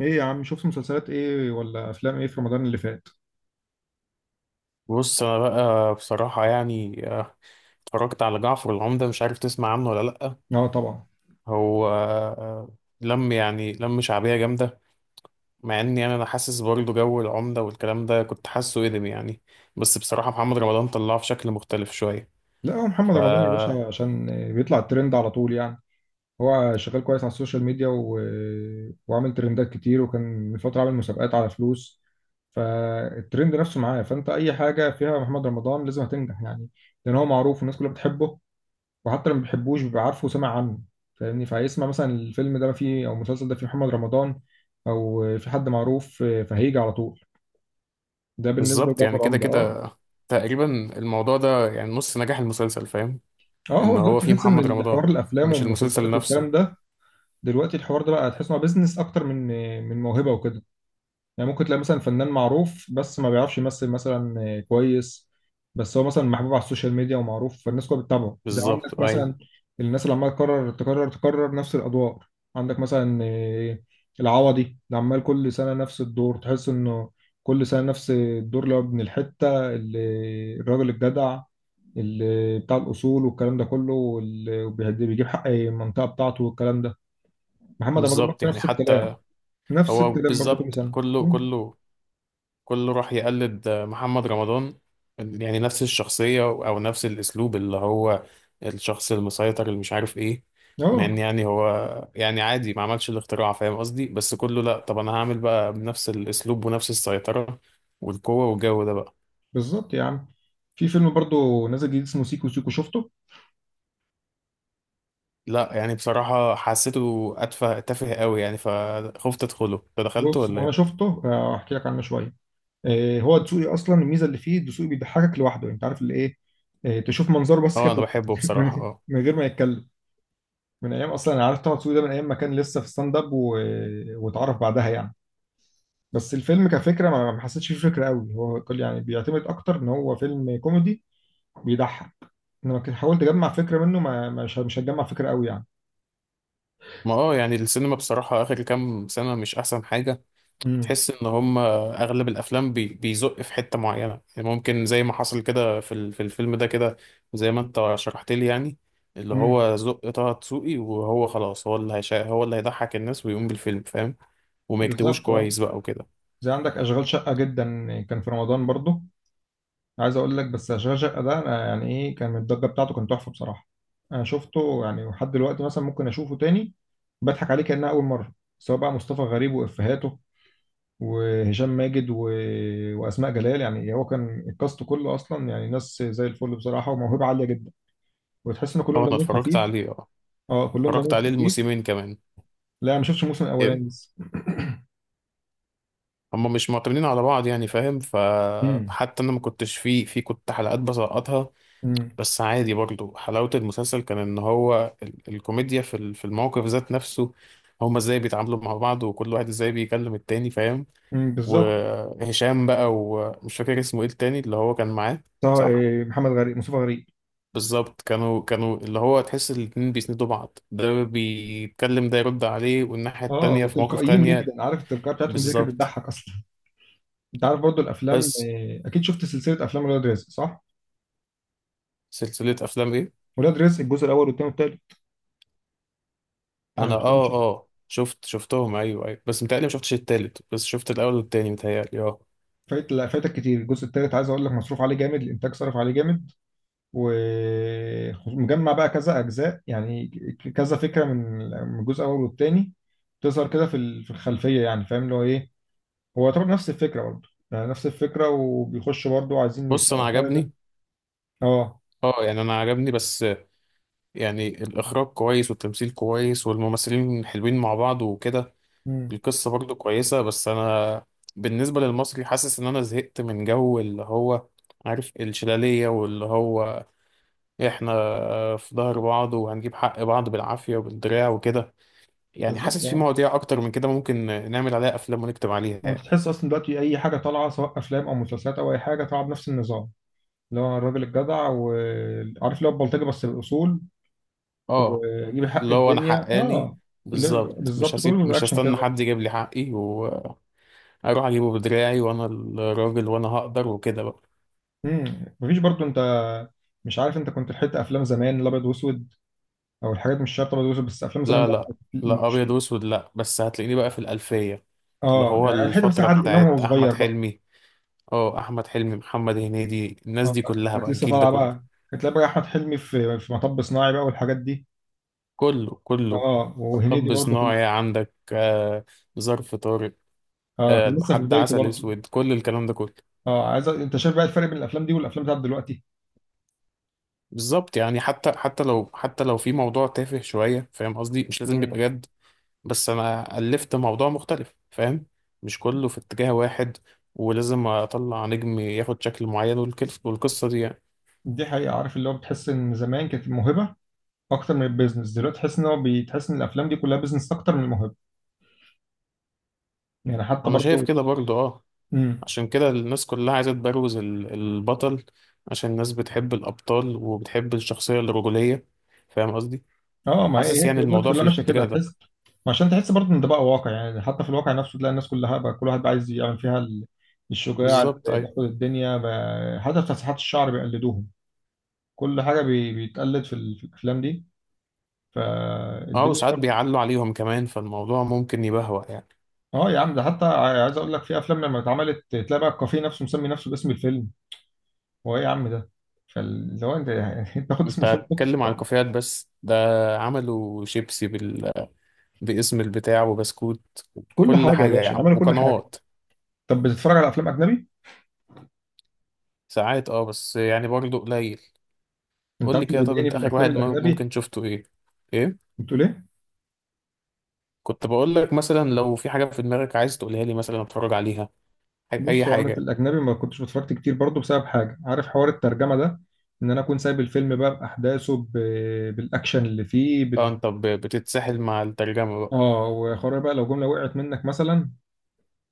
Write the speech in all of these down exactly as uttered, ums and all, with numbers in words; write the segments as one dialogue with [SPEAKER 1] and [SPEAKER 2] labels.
[SPEAKER 1] ايه يا عم، شفت مسلسلات ايه ولا افلام ايه في رمضان اللي فات؟
[SPEAKER 2] بص، انا بقى بصراحة يعني آه، اتفرجت على جعفر العمدة. مش عارف تسمع عنه ولا لأ؟
[SPEAKER 1] اه طبعا.
[SPEAKER 2] هو آه، لم يعني لم شعبية جامدة، مع اني يعني انا حاسس برضه جو العمدة والكلام ده كنت حاسه قدم يعني. بس بصراحة محمد رمضان طلعه في شكل مختلف شوية.
[SPEAKER 1] لا هو محمد
[SPEAKER 2] ف
[SPEAKER 1] رمضان يا باشا عشان بيطلع الترند على طول يعني. هو شغال كويس على السوشيال ميديا و... وعامل ترندات كتير، وكان من فترة عامل مسابقات على فلوس. فالترند نفسه معاه، فانت اي حاجة فيها محمد رمضان لازم هتنجح يعني. لان هو معروف والناس كلها بتحبه. وحتى اللي ما بيحبوش بيبقى عارفه وسمع عنه. فاهمني، فهيسمع مثلا الفيلم ده فيه او المسلسل ده فيه محمد رمضان او في حد معروف فهيجي على طول. ده بالنسبة
[SPEAKER 2] بالظبط، يعني
[SPEAKER 1] لجعفر
[SPEAKER 2] كده
[SPEAKER 1] عمدة، اه.
[SPEAKER 2] كده تقريبا. الموضوع ده يعني نص نجاح المسلسل، فاهم؟
[SPEAKER 1] اه،
[SPEAKER 2] ان
[SPEAKER 1] هو
[SPEAKER 2] هو
[SPEAKER 1] دلوقتي
[SPEAKER 2] فيه
[SPEAKER 1] تحس ان
[SPEAKER 2] محمد
[SPEAKER 1] الحوار
[SPEAKER 2] رمضان،
[SPEAKER 1] الافلام
[SPEAKER 2] مش المسلسل
[SPEAKER 1] والمسلسلات
[SPEAKER 2] نفسه.
[SPEAKER 1] والكلام ده، دلوقتي الحوار ده بقى تحس انه بيزنس اكتر من من موهبه وكده. يعني ممكن تلاقي مثلا فنان معروف بس ما بيعرفش يمثل مثلا كويس، بس هو مثلا محبوب على السوشيال ميديا ومعروف فالناس كلها بتتابعه، زي عندك
[SPEAKER 2] بالظبط، ايوه.
[SPEAKER 1] مثلا الناس اللي عماله تكرر تكرر تكرر نفس الادوار. عندك مثلا آه، العوضي اللي عمال كل سنه نفس الدور، تحس انه كل سنه نفس الدور اللي هو ابن الحته، اللي الراجل الجدع اللي بتاع الاصول والكلام ده كله، واللي بيهد- بيجيب حق المنطقه بتاعته والكلام ده. محمد رمضان برضه
[SPEAKER 2] بالظبط يعني
[SPEAKER 1] نفس الكلام.
[SPEAKER 2] حتى
[SPEAKER 1] نفس
[SPEAKER 2] هو
[SPEAKER 1] الكلام برضه كل
[SPEAKER 2] بالظبط،
[SPEAKER 1] سنه.
[SPEAKER 2] كله
[SPEAKER 1] مم.
[SPEAKER 2] كله كله راح يقلد محمد رمضان. يعني نفس الشخصية أو نفس الأسلوب، اللي هو الشخص المسيطر اللي مش عارف إيه. مع إن
[SPEAKER 1] اه،
[SPEAKER 2] يعني هو يعني عادي، ما عملش الاختراع، فاهم قصدي؟ بس كله لأ، طب أنا هعمل بقى بنفس الأسلوب ونفس السيطرة والقوة والجو ده بقى.
[SPEAKER 1] بالظبط يا عم. في فيلم برضو نازل جديد اسمه سيكو سيكو، شفته؟
[SPEAKER 2] لأ، يعني بصراحة حسيته أتفه تافه قوي يعني، فخفت أدخله. أنت دخلته
[SPEAKER 1] بص،
[SPEAKER 2] ولا
[SPEAKER 1] وانا
[SPEAKER 2] إيه؟
[SPEAKER 1] شفته، آه، هحكي لك عنه شويه. آه، هو دسوقي اصلا، الميزه اللي فيه دسوقي بيضحكك لوحده، انت عارف اللي ايه. آه، تشوف منظره بس كده
[SPEAKER 2] أه، أنا بحبه
[SPEAKER 1] بتضحك
[SPEAKER 2] بصراحة، أه.
[SPEAKER 1] من غير ما يتكلم. من ايام اصلا انا عارف طه دسوقي ده، من ايام ما كان لسه في ستاند اب و... واتعرف بعدها يعني. بس الفيلم كفكره، ما ما حسيتش فيه فكره قوي، هو كل يعني بيعتمد اكتر ان هو فيلم كوميدي بيضحك. انما كنت حاولت اجمع فكره منه، ما مش مش هتجمع فكره قوي يعني.
[SPEAKER 2] ما أه يعني السينما بصراحة آخر كام سنة مش أحسن حاجة.
[SPEAKER 1] امم.
[SPEAKER 2] تحس ان هم اغلب الافلام بي بيزق في حته معينه، يعني ممكن زي ما حصل كده في ال- في الفيلم ده كده، زي ما انت شرحت لي يعني. اللي
[SPEAKER 1] امم،
[SPEAKER 2] هو زق طه دسوقي وهو خلاص، هو اللي هيشا هو اللي هيضحك الناس ويقوم بالفيلم، فاهم؟ وما يكتبوش
[SPEAKER 1] بالظبط، اه.
[SPEAKER 2] كويس بقى وكده.
[SPEAKER 1] زي عندك اشغال شقه، جدا كان في رمضان برضو. عايز اقول لك بس اشغال شقه ده، أنا يعني ايه كان الضجه بتاعته، كانت تحفه بصراحه. انا شفته يعني لحد دلوقتي مثلا ممكن اشوفه تاني بضحك عليه كانها اول مره. سواء بقى مصطفى غريب وافيهاته، وهشام ماجد و... واسماء جلال. يعني هو كان الكاست كله اصلا يعني ناس زي الفل بصراحه، وموهبه عاليه جدا، وتحس ان كلهم
[SPEAKER 2] اه، انا
[SPEAKER 1] دمهم
[SPEAKER 2] اتفرجت
[SPEAKER 1] خفيف.
[SPEAKER 2] عليه، اه.
[SPEAKER 1] اه، كلهم
[SPEAKER 2] اتفرجت
[SPEAKER 1] دمهم
[SPEAKER 2] عليه
[SPEAKER 1] خفيف.
[SPEAKER 2] الموسمين كمان.
[SPEAKER 1] لا، ما شفتش الموسم
[SPEAKER 2] ايه،
[SPEAKER 1] الاولاني لسه.
[SPEAKER 2] هم مش معتمدين على بعض يعني، فاهم؟
[SPEAKER 1] امم.
[SPEAKER 2] فحتى انا ما كنتش فيه في كنت حلقات بسقطها.
[SPEAKER 1] امم.
[SPEAKER 2] بس عادي برضو، حلاوة المسلسل كان ان هو ال- الكوميديا في ال- في الموقف ذات نفسه، هما ازاي بيتعاملوا مع بعض وكل واحد ازاي بيكلم التاني، فاهم؟
[SPEAKER 1] أمم، بالظبط.
[SPEAKER 2] وهشام بقى، ومش فاكر اسمه ايه التاني اللي هو كان معاه.
[SPEAKER 1] طه
[SPEAKER 2] صح،
[SPEAKER 1] إيه، محمد غريب، مصطفى غريب.
[SPEAKER 2] بالظبط. كانوا كانوا اللي هو تحس الاتنين بيسندوا بعض، ده بيتكلم ده يرد عليه، والناحية
[SPEAKER 1] اه،
[SPEAKER 2] التانية في مواقف
[SPEAKER 1] وتلقائيين
[SPEAKER 2] تانية.
[SPEAKER 1] جدا، عارف التلقائيه بتاعتهم دي كانت
[SPEAKER 2] بالظبط،
[SPEAKER 1] بتضحك اصلا. انت عارف برضو الافلام،
[SPEAKER 2] بس.
[SPEAKER 1] آه، اكيد شفت سلسله افلام ولاد رزق، صح؟
[SPEAKER 2] سلسلة افلام ايه؟
[SPEAKER 1] ولاد رزق الجزء الاول والثاني والثالث، ولا
[SPEAKER 2] انا،
[SPEAKER 1] مش
[SPEAKER 2] اه،
[SPEAKER 1] تمشي؟
[SPEAKER 2] اه، شفت شفتهم ايوه ايوه، بس متهيألي ما شفتش التالت، بس شفت الاول والتاني متهيألي، اه.
[SPEAKER 1] فايت، لا فايتك كتير الجزء الثالث. عايز اقول لك مصروف عليه جامد، الانتاج صرف عليه جامد. ومجمع بقى كذا اجزاء يعني، ك- كذا فكره من من الجزء الاول والثاني تظهر كده في ال- في الخلفيه، يعني فاهم اللي هو ايه. هو طبعا نفس الفكره، برضو يعني نفس الفكره، وبيخشوا برضو عايزين
[SPEAKER 2] بص انا
[SPEAKER 1] يسرقوا حاجه.
[SPEAKER 2] عجبني،
[SPEAKER 1] اه.
[SPEAKER 2] اه، يعني انا عجبني. بس يعني الاخراج كويس والتمثيل كويس والممثلين حلوين مع بعض وكده.
[SPEAKER 1] مم.
[SPEAKER 2] القصه برضو كويسه، بس انا بالنسبه للمصري حاسس ان انا زهقت من جو اللي هو، عارف، الشلاليه، واللي هو احنا في ظهر بعض وهنجيب حق بعض بالعافيه وبالدراع وكده. يعني
[SPEAKER 1] بالظبط،
[SPEAKER 2] حاسس في
[SPEAKER 1] آه.
[SPEAKER 2] مواضيع اكتر من كده ممكن نعمل عليها افلام ونكتب عليها
[SPEAKER 1] وانت
[SPEAKER 2] يعني.
[SPEAKER 1] تحس اصلا دلوقتي اي حاجه طالعه، سواء افلام او مسلسلات او اي حاجه، طالعه بنفس النظام اللي هو الراجل الجدع، وعارف اللي هو البلطجي بس بالاصول،
[SPEAKER 2] اه،
[SPEAKER 1] ويجيب حق
[SPEAKER 2] اللي
[SPEAKER 1] مم.
[SPEAKER 2] هو انا
[SPEAKER 1] الدنيا،
[SPEAKER 2] حقاني،
[SPEAKER 1] اه. اللي
[SPEAKER 2] بالظبط. مش
[SPEAKER 1] بالظبط
[SPEAKER 2] هسيب،
[SPEAKER 1] كله
[SPEAKER 2] مش
[SPEAKER 1] رياكشن
[SPEAKER 2] هستنى
[SPEAKER 1] كده.
[SPEAKER 2] حد يجيب لي حقي. اروح اجيبه بدراعي، وانا الراجل وانا هقدر وكده بقى.
[SPEAKER 1] امم، مفيش برضو. انت مش عارف، انت كنت لحقت افلام زمان الابيض واسود؟ او الحاجات مش شرط ابيض واسود، بس افلام زمان
[SPEAKER 2] لا،
[SPEAKER 1] ده،
[SPEAKER 2] لا. لا، ابيض
[SPEAKER 1] مش
[SPEAKER 2] واسود لا، بس هتلاقيني بقى في الالفيه، اللي
[SPEAKER 1] اه،
[SPEAKER 2] هو
[SPEAKER 1] يعني لحقت مثلا
[SPEAKER 2] الفتره
[SPEAKER 1] عادل امام وهو
[SPEAKER 2] بتاعت احمد
[SPEAKER 1] صغير بقى.
[SPEAKER 2] حلمي. اه، احمد حلمي، محمد هنيدي، الناس
[SPEAKER 1] اه،
[SPEAKER 2] دي كلها
[SPEAKER 1] كانت
[SPEAKER 2] بقى،
[SPEAKER 1] لسه
[SPEAKER 2] الجيل ده
[SPEAKER 1] طالعه
[SPEAKER 2] كله.
[SPEAKER 1] بقى. كانت بقى احمد حلمي في في مطب صناعي بقى، والحاجات دي.
[SPEAKER 2] كله كله
[SPEAKER 1] اه، وهنيدي
[SPEAKER 2] طب
[SPEAKER 1] برضه في ال-.
[SPEAKER 2] صناعي عندك، آه، ظرف طارق،
[SPEAKER 1] اه،
[SPEAKER 2] آه،
[SPEAKER 1] كان لسه في
[SPEAKER 2] لحد
[SPEAKER 1] بدايته
[SPEAKER 2] عسل
[SPEAKER 1] برضه.
[SPEAKER 2] اسود، كل الكلام ده كله.
[SPEAKER 1] اه، عايز أ- انت شايف بقى الفرق بين الافلام دي والافلام بتاعت دلوقتي.
[SPEAKER 2] بالظبط، يعني حتى حتى لو حتى لو في موضوع تافه شويه، فاهم قصدي، مش لازم يبقى
[SPEAKER 1] مم.
[SPEAKER 2] جد. بس انا الفت موضوع مختلف، فاهم؟ مش كله في اتجاه واحد، ولازم اطلع نجم ياخد شكل معين والكل- والقصه دي يعني.
[SPEAKER 1] دي حقيقة، عارف اللي هو بتحس ان زمان كانت الموهبة اكتر من البيزنس، دلوقتي تحس ان هو بتحس ان الافلام دي كلها بيزنس اكتر من الموهبة يعني، حتى
[SPEAKER 2] انا شايف
[SPEAKER 1] برضه.
[SPEAKER 2] كده برضو، اه.
[SPEAKER 1] امم.
[SPEAKER 2] عشان كده الناس كلها عايزه تبروز ال- البطل، عشان الناس بتحب الابطال وبتحب الشخصيه الرجوليه، فاهم قصدي؟
[SPEAKER 1] اه، ما هي
[SPEAKER 2] حاسس
[SPEAKER 1] هي
[SPEAKER 2] يعني
[SPEAKER 1] دلوقتي
[SPEAKER 2] الموضوع في
[SPEAKER 1] كلها ماشية كده
[SPEAKER 2] الاتجاه ده.
[SPEAKER 1] تحس. ما عشان تحس برضه ان ده بقى واقع يعني، حتى في الواقع نفسه تلاقي الناس كلها بقى كل واحد بقى عايز يعمل فيها ال-، الشجاع اللي
[SPEAKER 2] بالظبط، ايوه.
[SPEAKER 1] بياخد الدنيا بقى. حتى في تسريحات الشعر بيقلدوهم. كل حاجة بي- بيتقلد في ال- في الافلام دي،
[SPEAKER 2] اه،
[SPEAKER 1] فالدنيا.
[SPEAKER 2] وساعات بيعلوا عليهم كمان، فالموضوع ممكن يبهوأ يعني.
[SPEAKER 1] اه يا عم، ده حتى ع- عايز اقول لك في افلام لما اتعملت تلاقي بقى الكافيه نفسه مسمي نفسه باسم الفيلم. هو ايه يا عم ده؟ فاللي هو انت يعني انت تاخد اسم
[SPEAKER 2] انت
[SPEAKER 1] الفيلم تحطه في
[SPEAKER 2] بتتكلم عن
[SPEAKER 1] الأفلام.
[SPEAKER 2] الكافيهات بس؟ ده عملوا شيبسي بال... باسم البتاع وبسكوت.
[SPEAKER 1] كل
[SPEAKER 2] كل
[SPEAKER 1] حاجه يا
[SPEAKER 2] حاجة يا
[SPEAKER 1] باشا،
[SPEAKER 2] عم،
[SPEAKER 1] عملوا كل حاجه.
[SPEAKER 2] وقنوات.
[SPEAKER 1] طب بتتفرج على افلام اجنبي؟
[SPEAKER 2] ساعات اه، بس يعني برضه قليل.
[SPEAKER 1] انت
[SPEAKER 2] قول
[SPEAKER 1] عارف
[SPEAKER 2] لي
[SPEAKER 1] اللي
[SPEAKER 2] كده، طب
[SPEAKER 1] بيضايقني
[SPEAKER 2] انت
[SPEAKER 1] في
[SPEAKER 2] اخر
[SPEAKER 1] الافلام
[SPEAKER 2] واحد مم-
[SPEAKER 1] الاجنبي؟
[SPEAKER 2] ممكن شفته ايه؟ ايه؟
[SPEAKER 1] بتقول ايه؟
[SPEAKER 2] كنت بقول لك مثلا لو في حاجة في دماغك عايز تقولها لي مثلا اتفرج عليها، ح- اي
[SPEAKER 1] بص، هو انا في
[SPEAKER 2] حاجة.
[SPEAKER 1] الاجنبي ما كنتش بتفرجت كتير برضه بسبب حاجه، عارف حوار الترجمه ده. ان انا اكون سايب الفيلم بقى باحداثه ب... بالاكشن اللي فيه
[SPEAKER 2] اه،
[SPEAKER 1] بال...
[SPEAKER 2] انت ب- بتتسحل مع الترجمة بقى.
[SPEAKER 1] اه، وحوار بقى لو جمله وقعت منك مثلا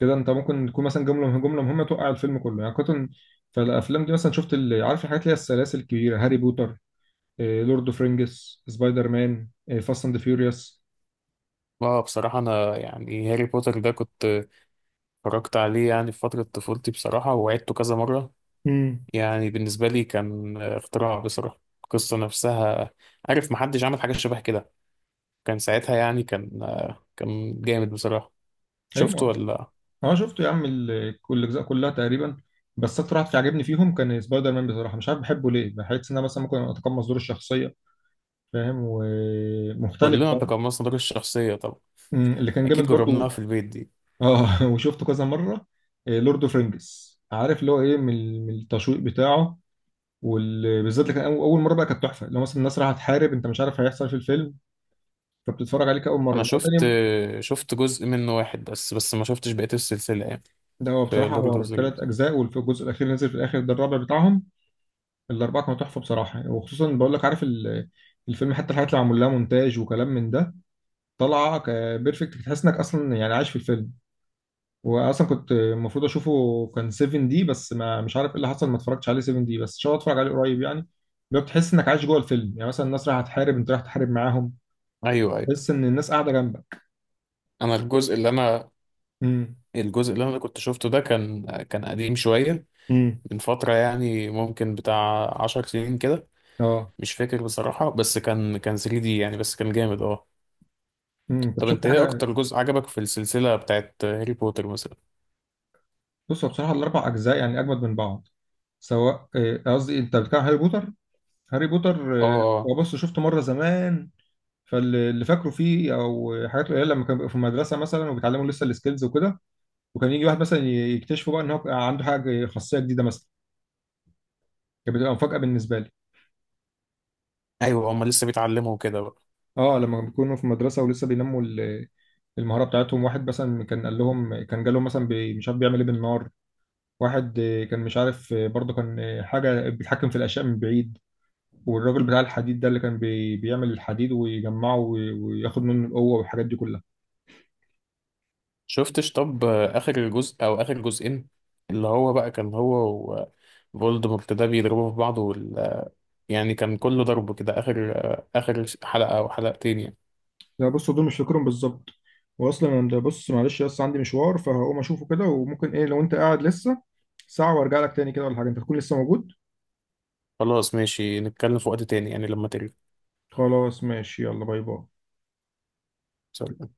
[SPEAKER 1] كده انت ممكن تكون مثلا جمله جمله مهمه توقع الفيلم كله يعني كنت. فالافلام دي مثلا شفت ال- عارف الحاجات اللي هي السلاسل الكبيره، هاري بوتر، آه، لورد اوف رينجز، سبايدر مان، آه، فاست اند فيوريوس.
[SPEAKER 2] اه، بصراحة انا يعني هاري بوتر ده كنت اتفرجت عليه يعني في فترة طفولتي بصراحة، وعدته كذا مرة.
[SPEAKER 1] امم.
[SPEAKER 2] يعني بالنسبة لي كان اختراع بصراحة، القصة نفسها، عارف، محدش عمل حاجة شبه كده. كان ساعتها يعني، كان كان جامد بصراحة. شفت
[SPEAKER 1] ايوه.
[SPEAKER 2] ولا؟
[SPEAKER 1] اه، شفته يا عم ال-، كل الاجزاء كلها تقريبا. بس اكتر واحد في عجبني فيهم كان سبايدر مان بصراحه، مش عارف بحبه ليه، بحس ان انا مثلا ممكن اتقمص دور الشخصيه، فاهم، ومختلف
[SPEAKER 2] كلنا
[SPEAKER 1] بقى.
[SPEAKER 2] تقمصنا دور الشخصية طبعا.
[SPEAKER 1] أمم، اللي كان جامد
[SPEAKER 2] أكيد جربناها
[SPEAKER 1] برضو.
[SPEAKER 2] في البيت دي.
[SPEAKER 1] اه وشفته كذا مره. آه، لورد اوف رينجز، عارف اللي هو ايه من من التشويق بتاعه. وبالذات لكن أو- اول مره بقى كانت تحفه، لو مثلا الناس رايحه تحارب انت مش عارف هيحصل في الفيلم، فبتتفرج عليه كاول مره
[SPEAKER 2] أنا
[SPEAKER 1] إنما
[SPEAKER 2] شفت
[SPEAKER 1] تاني.
[SPEAKER 2] شفت جزء منه واحد بس بس ما شفتش بقية السلسلة يعني.
[SPEAKER 1] ده هو
[SPEAKER 2] في
[SPEAKER 1] بصراحه
[SPEAKER 2] لورد أوف
[SPEAKER 1] هو
[SPEAKER 2] ذا
[SPEAKER 1] ثلاث
[SPEAKER 2] رينجز؟
[SPEAKER 1] اجزاء، والجزء الاخير اللي نزل في الاخر ده الرابع بتاعهم. الاربعه كانوا تحفه بصراحه، وخصوصا بقول لك عارف ال-، الفيلم حتى الحاجات اللي معمول لها مونتاج وكلام من ده طالعه ك- بيرفكت، تحس انك اصلا يعني عايش في الفيلم. واصلا كنت المفروض اشوفه كان 7 دي، بس ما مش عارف ايه اللي حصل، ما اتفرجتش عليه 7 دي، بس ان شاء الله اتفرج عليه قريب يعني. بتحس انك عايش جوه الفيلم، يعني مثلا الناس رايحه تحارب انت رايح تحارب معاهم،
[SPEAKER 2] أيوه، أيوه.
[SPEAKER 1] تحس ان الناس قاعده جنبك.
[SPEAKER 2] أنا الجزء اللي أنا
[SPEAKER 1] امم.
[SPEAKER 2] الجزء اللي أنا كنت شفته ده كان كان قديم شوية،
[SPEAKER 1] امم.
[SPEAKER 2] من فترة يعني، ممكن بتاع عشر سنين كده،
[SPEAKER 1] اه.
[SPEAKER 2] مش فاكر بصراحة. بس كان كان ثري دي يعني، بس كان جامد أه.
[SPEAKER 1] امم، طب
[SPEAKER 2] طب
[SPEAKER 1] شفت
[SPEAKER 2] أنت إيه
[SPEAKER 1] حاجه؟
[SPEAKER 2] أكتر جزء عجبك في السلسلة بتاعت هاري بوتر مثلا؟
[SPEAKER 1] بص هو بصراحه الاربع اجزاء يعني اجمد من بعض. سواء، آه، قصدي انت بتتكلم عن هاري بوتر؟ هاري بوتر،
[SPEAKER 2] أه،
[SPEAKER 1] آه،
[SPEAKER 2] آه.
[SPEAKER 1] هو بص شفته مره زمان. فاللي فاكره فيه او حاجات قليله لما كان بيبقوا في المدرسه مثلا وبيتعلموا لسه السكيلز وكده. وكان يجي واحد مثلا يكتشفوا بقى ان هو عنده حاجه خاصيه جديده مثلا، كانت بتبقى مفاجاه بالنسبه لي.
[SPEAKER 2] أيوه، هما لسه بيتعلموا كده؟
[SPEAKER 1] اه، لما بيكونوا في مدرسه ولسه بينموا ال-، المهاره بتاعتهم. واحد مثلا كان قال لهم، كان جالهم مثلا بي- مش عارف بيعمل ايه بالنار. واحد آه، كان مش عارف، آه، برضه كان آه، حاجة بيتحكم في الأشياء من بعيد. والراجل بتاع الحديد ده اللي كان بي بيعمل الحديد ويجمعه وي- وياخد منه القوة، والحاجات دي كلها.
[SPEAKER 2] شفتش؟ طب، آه، اخر جزء او اخر جزئين، اللي هو بقى كان هو وفولدمورت ده بيضربوا في بعض وال... يعني كان كله ضرب كده، اخر آه، اخر حلقة او حلقتين يعني.
[SPEAKER 1] لا بص، دول مش فاكرهم بالظبط. وأصلا أنا ده بص معلش، بس عندي مشوار فهقوم أشوفه كده، وممكن إيه لو أنت قاعد لسه ساعة وأرجع لك تاني كده ولا حاجة، أنت تكون لسه موجود؟
[SPEAKER 2] خلاص ماشي، نتكلم في وقت تاني يعني لما ترجع.
[SPEAKER 1] خلاص ماشي، يلا باي باي.
[SPEAKER 2] سلام.